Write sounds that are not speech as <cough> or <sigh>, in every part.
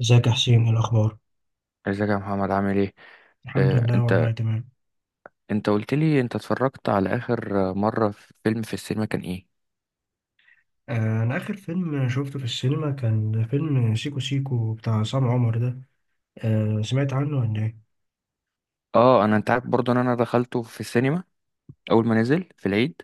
ازيك يا حسين؟ ايه الاخبار؟ ازيك يا محمد عامل ايه. الحمد آه، لله انت والله تمام. انت قلت لي انت اتفرجت على اخر مره في فيلم في السينما كان ايه. انا اخر فيلم شفته في السينما كان فيلم سيكو سيكو بتاع عصام عمر ده. سمعت عنه ولا ايه؟ اه انت عارف برضو ان انا دخلته في السينما اول ما نزل في العيد.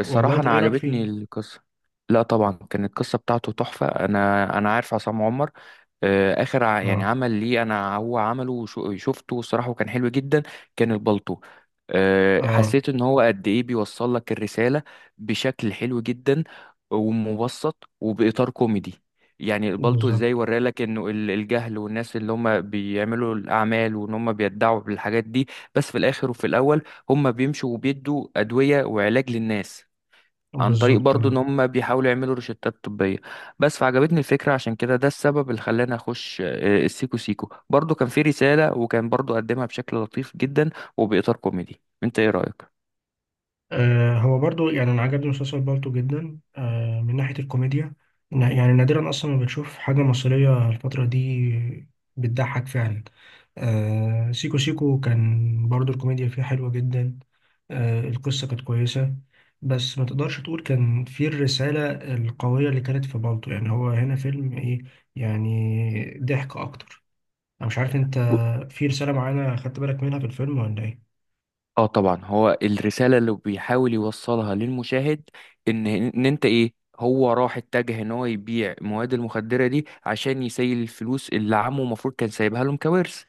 والله الصراحه طب انا ايه رايك فيه؟ عجبتني القصه. لا طبعا كانت القصه بتاعته تحفه. انا عارف عصام عمر. اخر يعني اه، عمل ليه انا هو عمله شفته الصراحه وكان حلو جدا. كان البلطو. اه، حسيت ان هو قد ايه بيوصل لك الرساله بشكل حلو جدا، ومبسط وباطار كوميدي. يعني البلطو ازاي بالظبط، ورالك انه الجهل والناس اللي هم بيعملوا الاعمال وان هم بيدعوا بالحاجات دي، بس في الاخر وفي الاول هم بيمشوا وبيدوا أدوية وعلاج للناس عن طريق بالظبط، برضو ان آه. هم بيحاولوا يعملوا روشتات طبية. بس فعجبتني الفكرة، عشان كده ده السبب اللي خلاني اخش، السيكو سيكو برضو كان في رسالة وكان برضو قدمها بشكل لطيف جدا وبإطار كوميدي. انت ايه رأيك؟ هو برضو يعني انا عجبني مسلسل بالطو جدا من ناحية الكوميديا. يعني نادرا اصلا ما بتشوف حاجة مصرية الفترة دي بتضحك فعلا. سيكو سيكو كان برضو الكوميديا فيه حلوة جدا. القصة كانت كويسة، بس ما تقدرش تقول كان فيه الرسالة القوية اللي كانت في بالطو، يعني هو هنا فيلم ايه، يعني ضحك اكتر. انا مش عارف انت، ب- في رسالة معينة خدت بالك منها في الفيلم ولا ايه؟ اه طبعا هو الرسالة اللي بيحاول يوصلها للمشاهد ان انت ايه هو راح اتجه ان هو يبيع المواد المخدرة دي عشان يسيل الفلوس اللي عمه المفروض كان سايبها لهم كوارث.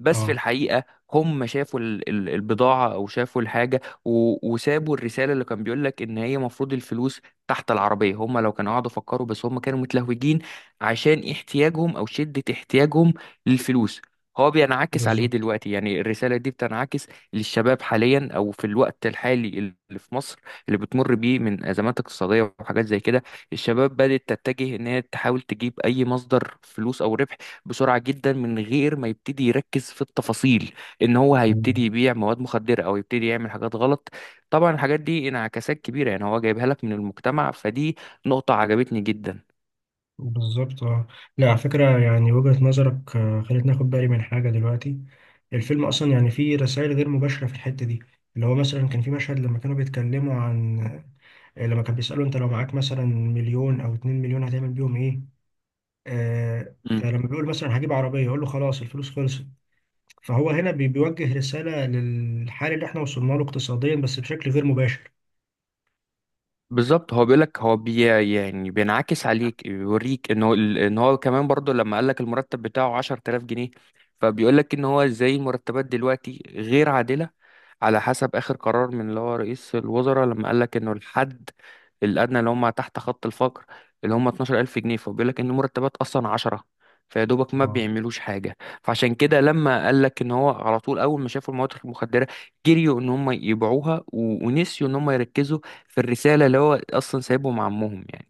بس في اه، الحقيقة هم شافوا البضاعة أو شافوا الحاجة وسابوا الرسالة اللي كان بيقول لك إن هي مفروض الفلوس تحت العربية. هم لو كانوا قعدوا فكروا، بس هم كانوا متلهوجين عشان احتياجهم أو شدة احتياجهم للفلوس. هو بينعكس على إيه بالظبط، دلوقتي؟ يعني الرسالة دي بتنعكس للشباب حاليا أو في الوقت الحالي اللي في مصر، اللي بتمر بيه من أزمات اقتصادية وحاجات زي كده. الشباب بدأت تتجه إن هي تحاول تجيب أي مصدر فلوس أو ربح بسرعة جدا من غير ما يبتدي يركز في التفاصيل، ان هو هيبتدي يبيع مواد مخدرة او يبتدي يعمل حاجات غلط. طبعا الحاجات دي انعكاسات كبيرة، يعني هو جايبها لك من المجتمع، فدي نقطة عجبتني جدا. بالظبط، اه. لا، على فكرة يعني وجهة نظرك خلتني اخد بالي من حاجة دلوقتي. الفيلم اصلا يعني فيه رسائل غير مباشرة في الحتة دي، اللي هو مثلا كان في مشهد لما كانوا بيتكلموا عن، لما كان بيسألوا انت لو معاك مثلا مليون او اتنين مليون هتعمل بيهم ايه؟ آه، مم. فلما بيقول مثلا هجيب عربية يقول له خلاص الفلوس خلصت. فهو هنا بيوجه رسالة للحال اللي احنا وصلنا له اقتصاديا بس بشكل غير مباشر. بالظبط. هو بيقولك هو بي يعني بينعكس عليك، بيوريك ان هو كمان برضو لما قالك المرتب بتاعه 10000 جنيه، فبيقولك ان هو ازاي المرتبات دلوقتي غير عادلة على حسب آخر قرار من اللي هو رئيس الوزراء لما قال لك إنه الحد الأدنى اللي هم تحت خط الفقر اللي هم 12000 جنيه، فبيقول لك إن مرتبات أصلا 10، فيا دوبك ما اه، بيعملوش حاجة. فعشان كده لما قال لك إن هو على طول أول ما شافوا المواد المخدرة جريوا إن هم يبيعوها ونسيوا إن هم يركزوا في الرسالة اللي هو أصلا سايبهم عمهم، يعني.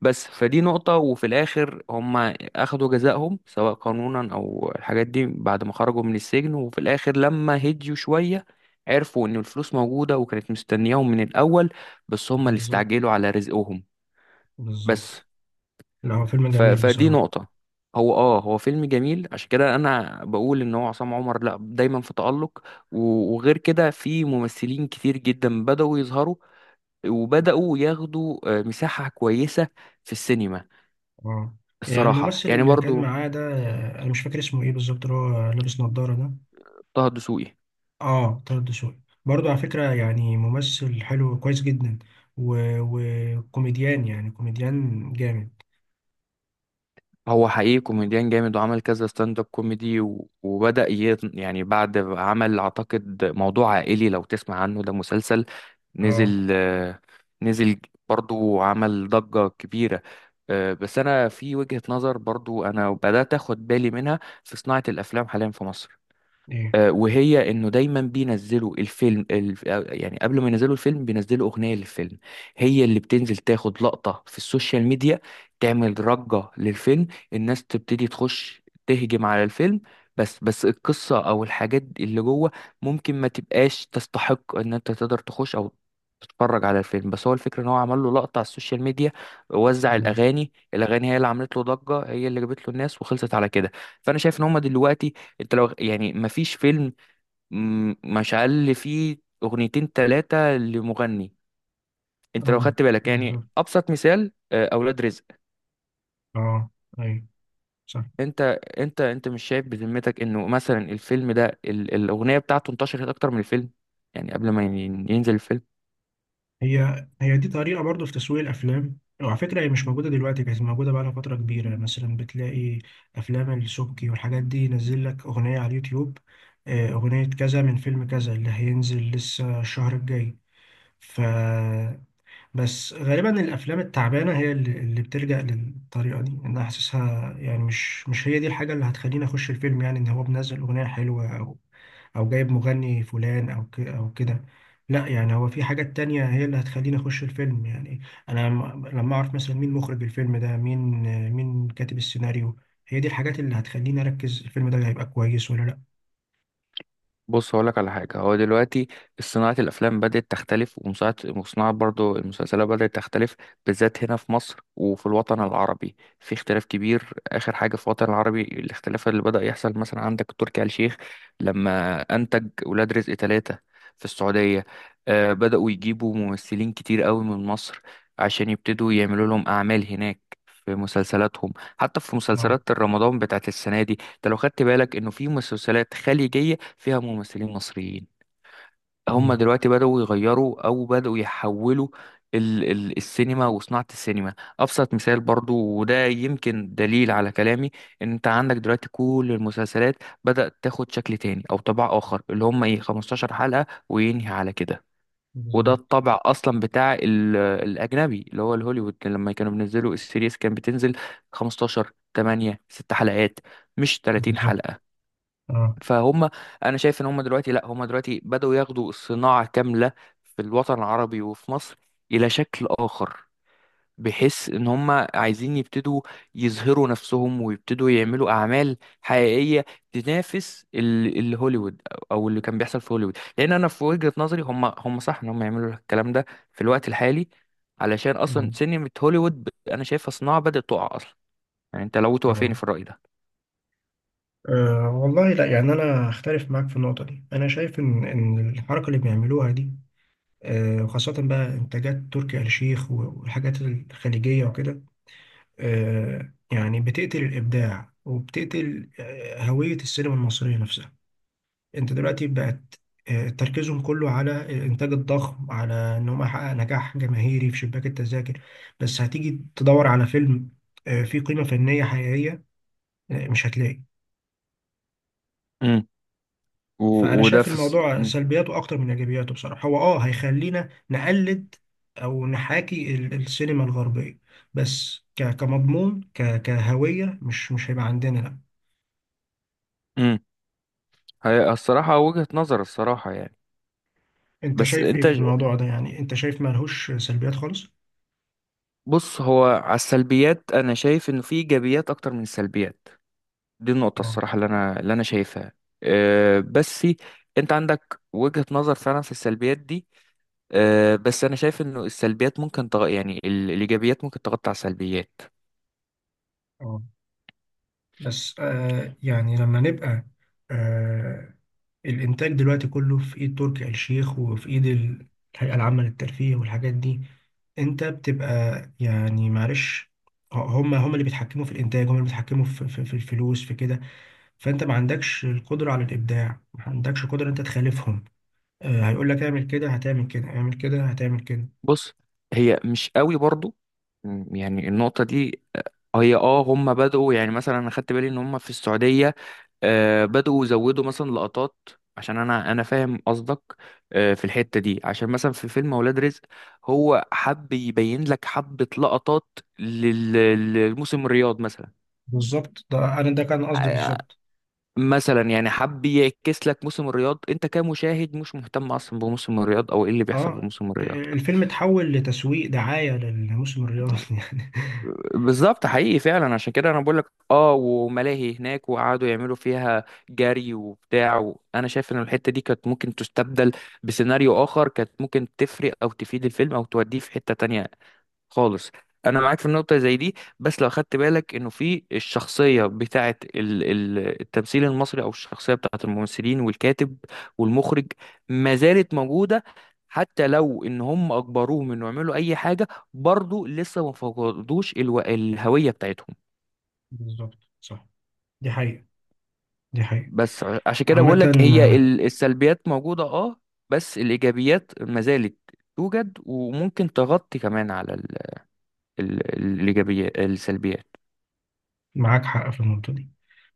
بس فدي نقطة. وفي الآخر هم أخدوا جزائهم سواء قانونا أو الحاجات دي بعد ما خرجوا من السجن، وفي الآخر لما هديوا شوية عرفوا إن الفلوس موجودة وكانت مستنياهم من الأول، بس هم اللي بالظبط، استعجلوا على رزقهم. بس بالظبط. لا، هو فيلم جميل فدي بصراحة. نقطة. هو آه هو فيلم جميل، عشان كده أنا بقول إن هو عصام عمر لأ دايما في تألق. و... وغير كده في ممثلين كتير جدا بدأوا يظهروا وبدأوا ياخدوا مساحة كويسة في السينما اه، يعني الصراحة، الممثل يعني اللي كان برضو. معاه ده، انا مش فاكر اسمه ايه بالظبط، اللي هو لابس نظارة ده. طه الدسوقي اه، طه الدسوقي. برضه على فكرة يعني ممثل حلو كويس جدا، و- وكوميديان، يعني كوميديان جامد. هو حقيقي كوميديان جامد وعمل كذا ستاند اب كوميدي، وبدأ يعني بعد عمل أعتقد موضوع عائلي، لو تسمع عنه، ده مسلسل اه، نزل، نزل برضو، عمل ضجة كبيرة. بس أنا في وجهة نظر برضو أنا بدأت أخد بالي منها في صناعة الأفلام حاليا في مصر، ايه، وهي انه دايما بينزلوا الفيلم الف... آه، يعني قبل ما ينزلوا الفيلم بينزلوا اغنيه للفيلم، هي اللي بتنزل تاخد لقطه في السوشيال ميديا، تعمل ضجه للفيلم، الناس تبتدي تخش تهجم على الفيلم. بس القصه او الحاجات اللي جوه ممكن ما تبقاش تستحق ان انت تقدر تخش او تتفرج على الفيلم. بس هو الفكره ان هو عمل له لقطه على السوشيال ميديا، وزع اه، الاغاني، الاغاني هي اللي عملت له ضجه، هي اللي جابت له الناس، وخلصت على كده. فانا شايف ان هم دلوقتي انت لو يعني مفيش فيلم مشعل فيه اغنيتين تلاتة لمغني. انت لو آه، خدت بالك يعني بالظبط، ابسط مثال، اولاد رزق. اه، ايوه، صح. انت انت مش شايف بذمتك انه مثلا الفيلم ده الاغنية بتاعته انتشرت اكتر من الفيلم؟ يعني قبل ما ينزل الفيلم. هي هي دي طريقة برضو في تسويق الأفلام، وعلى فكرة هي مش موجودة دلوقتي، كانت موجودة بقالها فترة كبيرة. مثلا بتلاقي أفلام السبكي والحاجات دي ينزل لك أغنية على اليوتيوب، أغنية كذا من فيلم كذا اللي هينزل لسه الشهر الجاي. ف بس غالبا الأفلام التعبانة هي اللي بتلجأ للطريقة دي، أنا حاسسها يعني مش هي دي الحاجة اللي هتخليني أخش الفيلم، يعني إن هو منزل أغنية حلوة او جايب مغني فلان او كده. لا، يعني هو في حاجات تانية هي اللي هتخليني اخش الفيلم، يعني انا لما اعرف مثلا مين مخرج الفيلم ده، مين مين كاتب السيناريو، هي دي الحاجات اللي هتخليني اركز الفيلم ده هيبقى كويس ولا لا. بص هقولك على حاجة. هو دلوقتي صناعة الأفلام بدأت تختلف، ومصنعة وصناعة برضو المسلسلات بدأت تختلف بالذات هنا في مصر وفي الوطن العربي، في اختلاف كبير. آخر حاجة في الوطن العربي الاختلاف اللي بدأ يحصل، مثلا عندك تركي آل الشيخ لما أنتج ولاد رزق ثلاثة في السعودية. آه بدأوا يجيبوا ممثلين كتير قوي من مصر عشان يبتدوا يعملوا لهم أعمال هناك في مسلسلاتهم، حتى في اه. مسلسلات رمضان بتاعت السنة دي. انت لو خدت بالك انه في مسلسلات خليجية فيها ممثلين مصريين. هم مم. دلوقتي بدأوا يغيروا او بدأوا يحولوا ال السينما وصناعة السينما. ابسط مثال برضو وده يمكن دليل على كلامي ان انت عندك دلوقتي كل المسلسلات بدأت تاخد شكل تاني او طبع اخر، اللي هم ايه، 15 حلقة وينهي على كده. وده بالظبط، الطبع اصلا بتاع الاجنبي اللي هو الهوليوود، لما كانوا بينزلوا السيريز كان بتنزل 15 8 6 حلقات مش 30 بالظبط، حلقة. اه. فهم، انا شايف ان هم دلوقتي لا هم دلوقتي بدأوا ياخدوا الصناعة كاملة في الوطن العربي وفي مصر الى شكل اخر، بحيث ان هم عايزين يبتدوا يظهروا نفسهم ويبتدوا يعملوا اعمال حقيقية تنافس الهوليوود او اللي كان بيحصل في هوليوود. لان انا في وجهة نظري هم صح ان هم يعملوا الكلام ده في الوقت الحالي، علشان اصلا مم. سينما هوليوود انا شايفها صناعة بدأت تقع اصلا. يعني انت لو توافقني تمام. في الرأي ده. أه والله، لا يعني أنا أختلف معاك في النقطة دي. أنا شايف إن الحركة اللي بيعملوها دي، أه، وخاصة بقى إنتاجات تركي آل الشيخ والحاجات الخليجية وكده، يعني بتقتل الإبداع، وبتقتل هوية السينما المصرية نفسها. أنت دلوقتي بقت، تركيزهم كله على الإنتاج الضخم، على إن هم يحقق نجاح جماهيري في شباك التذاكر، بس هتيجي تدور على فيلم فيه قيمة فنية حقيقية، مش هتلاقي. امم و... فأنا وده شايف في الس... الموضوع سلبياته أكتر من إيجابياته، بصراحة هو آه هيخلينا نقلد أو نحاكي السينما الغربية، بس كمضمون، كهوية مش هيبقى عندنا، لا. مم. هي الصراحة وجهة نظر الصراحة، يعني. انت بس شايف ايه انت في ج- الموضوع ده؟ يعني انت شايف ملهوش سلبيات خالص؟ بص هو على السلبيات انا شايف انه في ايجابيات اكتر من السلبيات، دي النقطة اه، الصراحة اللي انا شايفها. أه بس انت عندك وجهة نظر فعلا في السلبيات دي. أه بس انا شايف انه السلبيات ممكن يعني الايجابيات ممكن تغطي على السلبيات. اه. بس آه يعني لما نبقى، آه، الانتاج دلوقتي كله في ايد تركي آل الشيخ وفي ايد الهيئة العامة للترفيه والحاجات دي. انت بتبقى يعني معلش، هم اللي بيتحكموا في الانتاج، هم اللي بيتحكموا في الفلوس في كده. فانت ما عندكش القدرة على الابداع، ما عندكش قدرة انت تخالفهم. آه، هيقول لك اعمل كده هتعمل كده، اعمل كده هتعمل كده. بص هي مش قوي برضو يعني النقطة دي. هي اه هم بدأوا، يعني مثلا انا خدت بالي ان هم في السعودية، بدأوا يزودوا مثلا لقطات، عشان انا فاهم قصدك، في الحتة دي، عشان مثلا في فيلم اولاد رزق هو حب يبين لك حبة لقطات لل- للموسم الرياض مثلا. بالظبط، ده انا ده كان قصدي آه، بالظبط. مثلا يعني حب يعكس لك موسم الرياض، انت كمشاهد مش مهتم اصلا بموسم الرياض او ايه اللي بيحصل في اه، موسم الرياض. الفيلم اتحول لتسويق دعاية للموسم الرياضي <laughs> يعني. بالظبط حقيقي فعلا، عشان كده انا بقول لك اه، وملاهي هناك وقعدوا يعملوا فيها جري وبتاع. وانا شايف ان الحته دي كانت ممكن تستبدل بسيناريو اخر، كانت ممكن تفرق او تفيد الفيلم او توديه في حته تانية خالص. انا معاك في النقطه زي دي، بس لو خدت بالك انه في الشخصيه بتاعه التمثيل المصري او الشخصيه بتاعه الممثلين والكاتب والمخرج ما زالت موجوده، حتى لو ان هم اجبروهم انه يعملوا اي حاجه، برضو لسه ما فقدوش الهويه بتاعتهم. بالظبط، صح. دي حقيقة، دي حقيقة. بس عشان كده عامة، بقول لك هي آه، السلبيات موجوده اه، بس الايجابيات ما زالت توجد وممكن تغطي كمان على ال... ال... الايجابيات السلبيات. معاك حق في النقطة دي.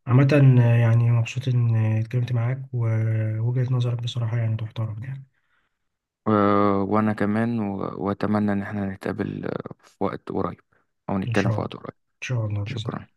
عامة، يعني مبسوط إن اتكلمت معاك، ووجهة نظرك بصراحة يعني تحترم يعني. وأنا كمان وأتمنى إن احنا نتقابل في وقت قريب أو إن نتكلم شاء في الله، وقت قريب. إن شاء الله، بإذن شكرا. الله.